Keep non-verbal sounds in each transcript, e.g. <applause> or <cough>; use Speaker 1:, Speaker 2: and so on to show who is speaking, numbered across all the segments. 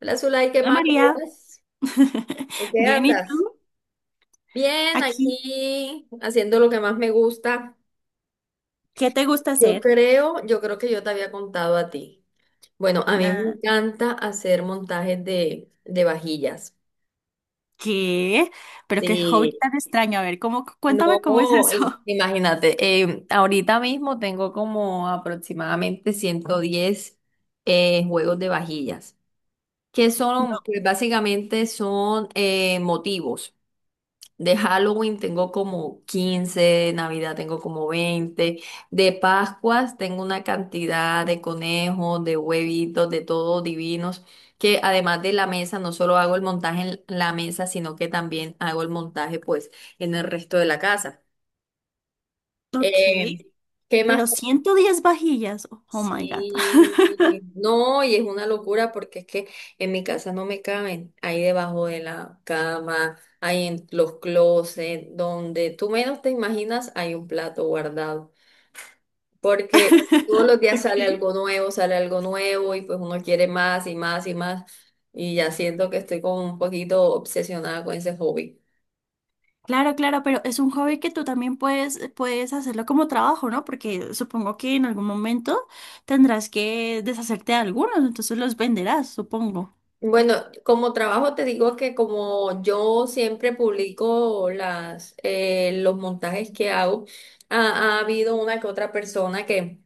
Speaker 1: Hola, Zulay, ¿qué
Speaker 2: Hola
Speaker 1: más? ¿Cómo
Speaker 2: María,
Speaker 1: vas? ¿En qué
Speaker 2: bien, ¿y
Speaker 1: andas?
Speaker 2: tú?
Speaker 1: Bien,
Speaker 2: Aquí,
Speaker 1: aquí haciendo lo que más me gusta.
Speaker 2: ¿qué te gusta
Speaker 1: Yo
Speaker 2: hacer?
Speaker 1: creo, yo creo que yo te había contado a ti. Bueno, a mí me
Speaker 2: Nada.
Speaker 1: encanta hacer montajes de vajillas.
Speaker 2: ¿Qué? Pero qué
Speaker 1: Sí.
Speaker 2: hobby tan extraño. A ver, ¿cuéntame cómo es
Speaker 1: No,
Speaker 2: eso?
Speaker 1: imagínate, ahorita mismo tengo como aproximadamente 110 juegos de vajillas, que son,
Speaker 2: <laughs>
Speaker 1: pues básicamente son motivos. De Halloween tengo como 15, de Navidad tengo como 20, de Pascuas tengo una cantidad de conejos, de huevitos, de todo divinos, que además de la mesa, no solo hago el montaje en la mesa, sino que también hago el montaje pues en el resto de la casa.
Speaker 2: No, ok,
Speaker 1: Eh, ¿Qué más?
Speaker 2: pero 110 vajillas. Oh my God.
Speaker 1: Sí, no, y es una locura porque es que en mi casa no me caben, ahí debajo de la cama, ahí en los closets, donde tú menos te imaginas hay un plato guardado, porque todos los
Speaker 2: <laughs>
Speaker 1: días
Speaker 2: Ok.
Speaker 1: sale algo nuevo y pues uno quiere más y más y más, y ya siento que estoy como un poquito obsesionada con ese hobby.
Speaker 2: Claro, claro, pero es un hobby que tú también puedes hacerlo como trabajo, ¿no? Porque supongo que en algún momento tendrás que deshacerte de algunos, entonces los venderás, supongo.
Speaker 1: Bueno, como trabajo te digo que como yo siempre publico los montajes que hago, ha habido una que otra persona que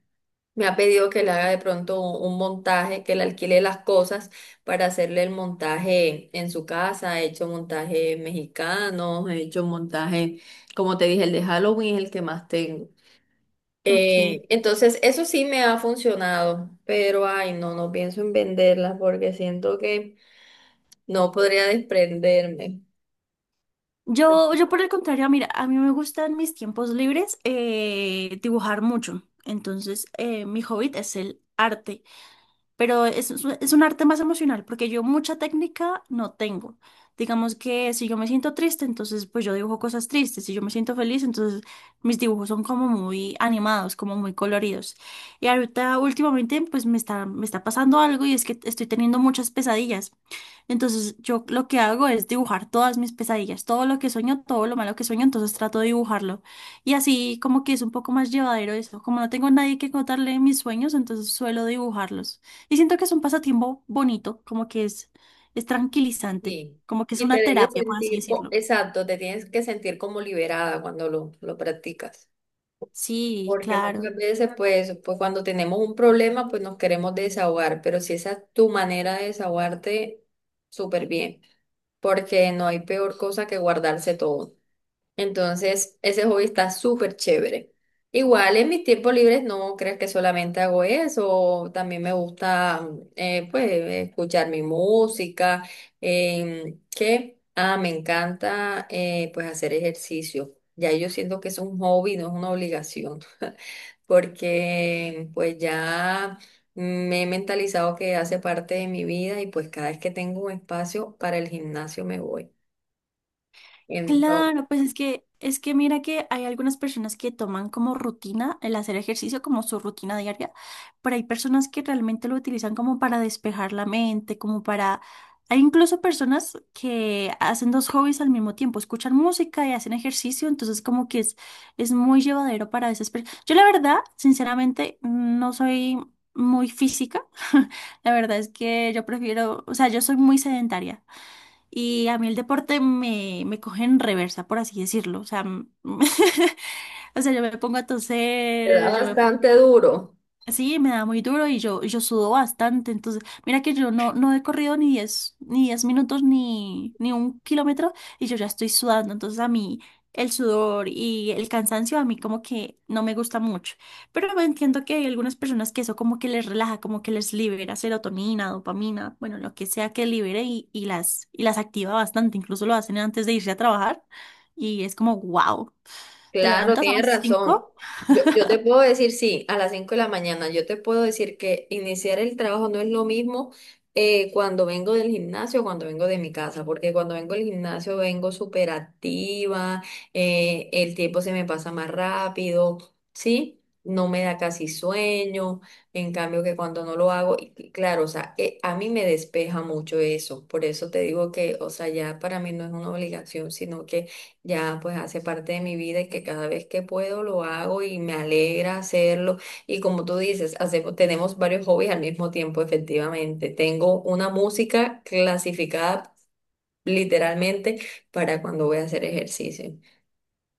Speaker 1: me ha pedido que le haga de pronto un montaje, que le alquile las cosas para hacerle el montaje en su casa. He hecho montajes mexicanos, he hecho montaje, como te dije, el de Halloween es el que más tengo.
Speaker 2: Ok.
Speaker 1: Entonces, eso sí me ha funcionado, pero ay, no, no pienso en venderlas porque siento que... No podría desprenderme.
Speaker 2: Yo por el contrario, mira, a mí me gustan mis tiempos libres, dibujar mucho. Entonces, mi hobby es el arte, pero es un arte más emocional porque yo mucha técnica no tengo. Digamos que si yo me siento triste, entonces pues yo dibujo cosas tristes; si yo me siento feliz, entonces mis dibujos son como muy animados, como muy coloridos. Y ahorita últimamente pues me está pasando algo, y es que estoy teniendo muchas pesadillas. Entonces yo lo que hago es dibujar todas mis pesadillas, todo lo que sueño, todo lo malo que sueño, entonces trato de dibujarlo. Y así como que es un poco más llevadero eso. Como no tengo nadie que contarle mis sueños, entonces suelo dibujarlos. Y siento que es un pasatiempo bonito, como que es, tranquilizante,
Speaker 1: Sí.
Speaker 2: como que es
Speaker 1: Y te
Speaker 2: una
Speaker 1: debes
Speaker 2: terapia, por así
Speaker 1: sentir,
Speaker 2: decirlo.
Speaker 1: exacto, te tienes que sentir como liberada cuando lo practicas.
Speaker 2: Sí,
Speaker 1: Porque
Speaker 2: claro.
Speaker 1: muchas veces, pues cuando tenemos un problema, pues nos queremos desahogar, pero si esa es tu manera de desahogarte, súper bien, porque no hay peor cosa que guardarse todo. Entonces, ese hobby está súper chévere. Igual en mis tiempos libres no creas que solamente hago eso, también me gusta pues escuchar mi música, me encanta pues hacer ejercicio. Ya yo siento que es un hobby, no es una obligación, porque pues ya me he mentalizado que hace parte de mi vida y pues cada vez que tengo un espacio para el gimnasio me voy. Entonces,
Speaker 2: Claro, pues es que mira que hay algunas personas que toman como rutina el hacer ejercicio, como su rutina diaria, pero hay personas que realmente lo utilizan como para despejar la mente, como para... Hay incluso personas que hacen dos hobbies al mismo tiempo, escuchan música y hacen ejercicio, entonces como que es muy llevadero para esas personas. Yo la verdad, sinceramente, no soy muy física. <laughs> La verdad es que yo prefiero, o sea, yo soy muy sedentaria. Y a mí el deporte me coge en reversa, por así decirlo. O sea, <laughs> o sea, yo me pongo a
Speaker 1: me da
Speaker 2: toser, yo me...
Speaker 1: bastante duro.
Speaker 2: Sí, me da muy duro, y yo sudo bastante. Entonces, mira que yo no he corrido ni diez minutos, ni un kilómetro, y yo ya estoy sudando. Entonces, a mí el sudor y el cansancio a mí como que no me gusta mucho. Pero me entiendo que hay algunas personas que eso como que les relaja, como que les libera serotonina, dopamina, bueno, lo que sea que libere, y las activa bastante. Incluso lo hacen antes de irse a trabajar, y es como, wow, te
Speaker 1: Claro,
Speaker 2: levantas a
Speaker 1: tienes
Speaker 2: las
Speaker 1: razón.
Speaker 2: 5.
Speaker 1: Yo te puedo decir, sí, a las 5 de la mañana, yo te puedo decir que iniciar el trabajo no es lo mismo cuando vengo del gimnasio o cuando vengo de mi casa, porque cuando vengo del gimnasio vengo súper activa, el tiempo se me pasa más rápido, ¿sí? No me da casi sueño, en cambio que cuando no lo hago, y claro, o sea, a mí me despeja mucho eso, por eso te digo que, o sea, ya para mí no es una obligación, sino ya pues hace parte de mi vida y que cada vez que puedo lo hago y me alegra hacerlo. Y como tú dices, hacemos, tenemos varios hobbies al mismo tiempo, efectivamente. Tengo una música clasificada literalmente para cuando voy a hacer ejercicio.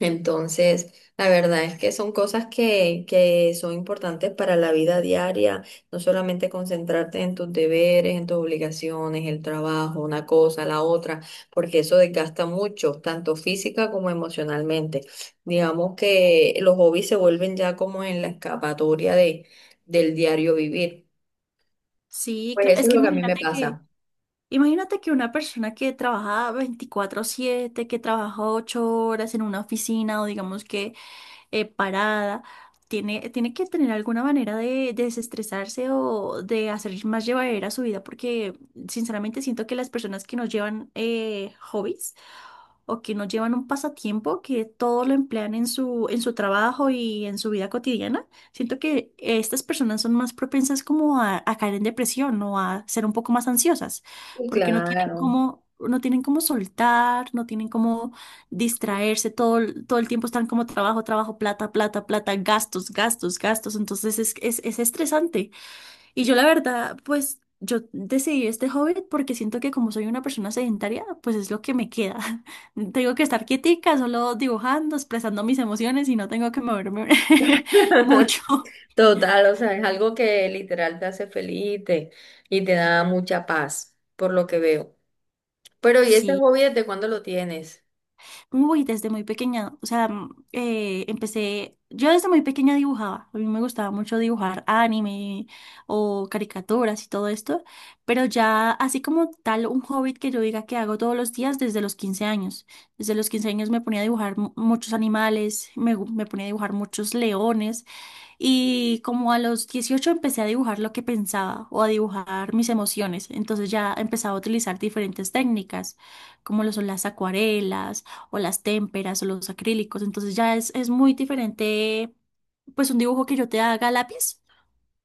Speaker 1: Entonces, la verdad es que son cosas que son importantes para la vida diaria, no solamente concentrarte en tus deberes, en tus obligaciones, el trabajo, una cosa, la otra, porque eso desgasta mucho, tanto física como emocionalmente. Digamos que los hobbies se vuelven ya como en la escapatoria del diario vivir.
Speaker 2: Sí,
Speaker 1: Pues
Speaker 2: claro.
Speaker 1: eso
Speaker 2: Es
Speaker 1: es
Speaker 2: que
Speaker 1: lo que a mí me
Speaker 2: imagínate que...
Speaker 1: pasa.
Speaker 2: Imagínate que una persona que trabaja 24/7, que trabaja 8 horas en una oficina, o digamos que, parada, tiene que tener alguna manera de desestresarse o de hacer más llevadera su vida, porque sinceramente siento que las personas que no llevan, hobbies, o que no llevan un pasatiempo, que todo lo emplean en su trabajo y en su vida cotidiana, siento que estas personas son más propensas como a caer en depresión o a ser un poco más ansiosas,
Speaker 1: Sí,
Speaker 2: porque no tienen
Speaker 1: claro.
Speaker 2: cómo, no tienen cómo soltar, no tienen cómo distraerse, todo, todo el tiempo están como trabajo, trabajo, plata, plata, plata, gastos, gastos, gastos, entonces es, es estresante. Y yo la verdad, pues yo decidí este hobby porque siento que como soy una persona sedentaria, pues es lo que me queda. <laughs> Tengo que estar quietica, solo dibujando, expresando mis emociones y no tengo que moverme <laughs>
Speaker 1: <laughs>
Speaker 2: mucho.
Speaker 1: Total, o sea, es algo que literal te hace feliz y te da mucha paz, por lo que veo. Pero, ¿y ese
Speaker 2: Sí.
Speaker 1: hobby desde cuándo lo tienes?
Speaker 2: Uy, desde muy pequeña, o sea, yo desde muy pequeña dibujaba, a mí me gustaba mucho dibujar anime o caricaturas y todo esto, pero ya así como tal un hobby que yo diga que hago todos los días, desde los 15 años. Desde los 15 años me ponía a dibujar muchos animales, me ponía a dibujar muchos leones. Y como a los 18 empecé a dibujar lo que pensaba o a dibujar mis emociones. Entonces ya empezaba a utilizar diferentes técnicas, como lo son las acuarelas o las témperas o los acrílicos. Entonces ya es muy diferente pues un dibujo que yo te haga a lápiz,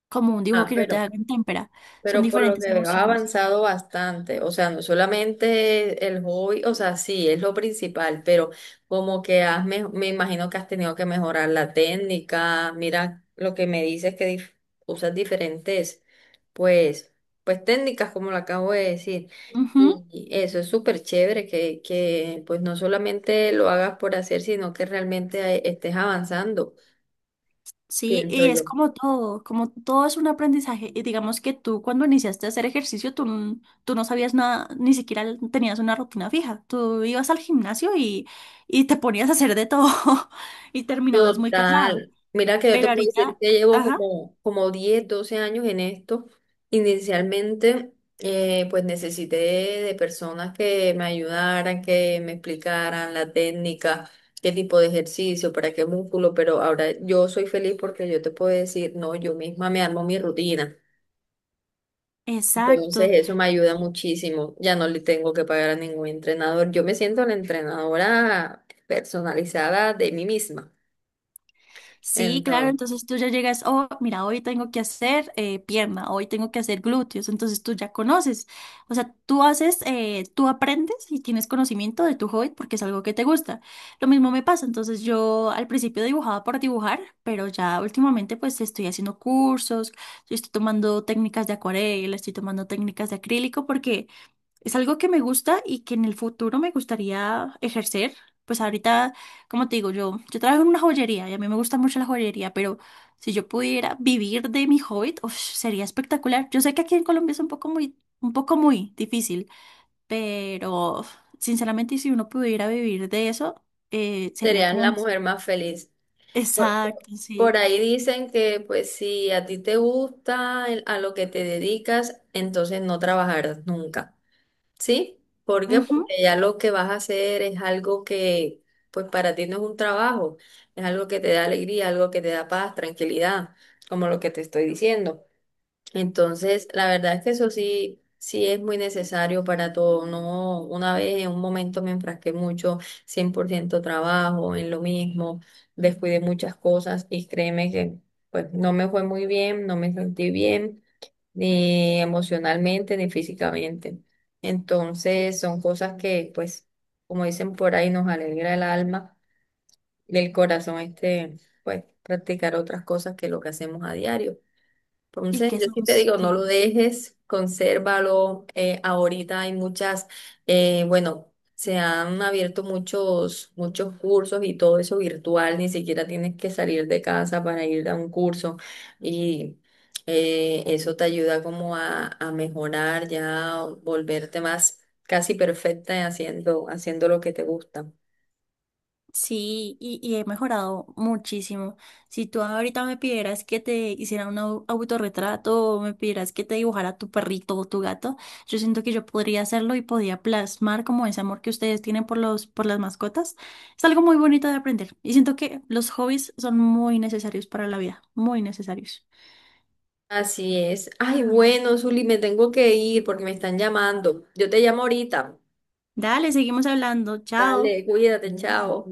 Speaker 2: como un dibujo
Speaker 1: Ah,
Speaker 2: que yo te
Speaker 1: pero
Speaker 2: haga en témpera. Son
Speaker 1: Pero por lo
Speaker 2: diferentes
Speaker 1: que veo, has
Speaker 2: emociones.
Speaker 1: avanzado bastante. O sea, no solamente el hobby, o sea, sí, es lo principal, pero como que has, me imagino que has tenido que mejorar la técnica. Mira, lo que me dices que usas diferentes, pues, pues técnicas, como lo acabo de decir. Y eso es súper chévere que no solamente lo hagas por hacer, sino que realmente estés avanzando,
Speaker 2: Sí,
Speaker 1: pienso
Speaker 2: y es
Speaker 1: yo.
Speaker 2: como todo es un aprendizaje. Y digamos que tú cuando iniciaste a hacer ejercicio, tú no sabías nada, ni siquiera tenías una rutina fija. Tú ibas al gimnasio, y te ponías a hacer de todo <laughs> y terminabas muy cansada.
Speaker 1: Total. Mira que yo te
Speaker 2: Pero
Speaker 1: puedo decir
Speaker 2: ahorita,
Speaker 1: que llevo
Speaker 2: ajá,
Speaker 1: como 10, 12 años en esto. Inicialmente, pues necesité de personas que me ayudaran, que me explicaran la técnica, qué tipo de ejercicio, para qué músculo, pero ahora yo soy feliz porque yo te puedo decir, no, yo misma me armo mi rutina. Entonces
Speaker 2: exacto.
Speaker 1: eso me ayuda muchísimo. Ya no le tengo que pagar a ningún entrenador. Yo me siento la entrenadora personalizada de mí misma.
Speaker 2: Sí, claro,
Speaker 1: Entonces.
Speaker 2: entonces tú ya llegas, oh, mira, hoy tengo que hacer, pierna, hoy tengo que hacer glúteos, entonces tú ya conoces, o sea, tú haces, tú aprendes y tienes conocimiento de tu hobby porque es algo que te gusta. Lo mismo me pasa, entonces yo al principio dibujaba por dibujar, pero ya últimamente pues estoy haciendo cursos, yo estoy tomando técnicas de acuarela, estoy tomando técnicas de acrílico, porque es algo que me gusta y que en el futuro me gustaría ejercer. Pues ahorita, como te digo, yo trabajo en una joyería y a mí me gusta mucho la joyería, pero si yo pudiera vivir de mi hobby, uf, sería espectacular. Yo sé que aquí en Colombia es un poco muy difícil, pero sinceramente, si uno pudiera vivir de eso, sería
Speaker 1: Serías la
Speaker 2: como...
Speaker 1: mujer más feliz. Por,
Speaker 2: Exacto,
Speaker 1: por
Speaker 2: sí.
Speaker 1: ahí dicen que pues si a ti te gusta a lo que te dedicas, entonces no trabajarás nunca. ¿Sí? ¿Por qué?
Speaker 2: Ujú.
Speaker 1: Porque ya lo que vas a hacer es algo que pues para ti no es un trabajo, es algo que te da alegría, algo que te da paz, tranquilidad, como lo que te estoy diciendo. Entonces, la verdad es que eso sí, sí es muy necesario para todo. No, una vez en un momento me enfrasqué mucho, 100% trabajo, en lo mismo, descuidé muchas cosas y créeme que pues no me fue muy bien, no me sentí bien, ni emocionalmente, ni físicamente. Entonces, son cosas que pues, como dicen por ahí, nos alegra el alma, del corazón este, pues practicar otras cosas que lo que hacemos a diario.
Speaker 2: Y
Speaker 1: Entonces,
Speaker 2: que
Speaker 1: yo sí te
Speaker 2: somos,
Speaker 1: digo, no lo
Speaker 2: sí.
Speaker 1: dejes, consérvalo. Eh, ahorita hay muchas, bueno, se han abierto muchos, muchos cursos y todo eso virtual, ni siquiera tienes que salir de casa para ir a un curso y eso te ayuda como a mejorar, ya volverte más casi perfecta haciendo, haciendo lo que te gusta.
Speaker 2: Sí, y he mejorado muchísimo. Si tú ahorita me pidieras que te hiciera un autorretrato, o me pidieras que te dibujara tu perrito o tu gato, yo siento que yo podría hacerlo y podía plasmar como ese amor que ustedes tienen por las mascotas. Es algo muy bonito de aprender y siento que los hobbies son muy necesarios para la vida, muy necesarios.
Speaker 1: Así es. Ay, bueno, Zuli, me tengo que ir porque me están llamando. Yo te llamo ahorita.
Speaker 2: Dale, seguimos hablando. Chao.
Speaker 1: Dale, cuídate, chao.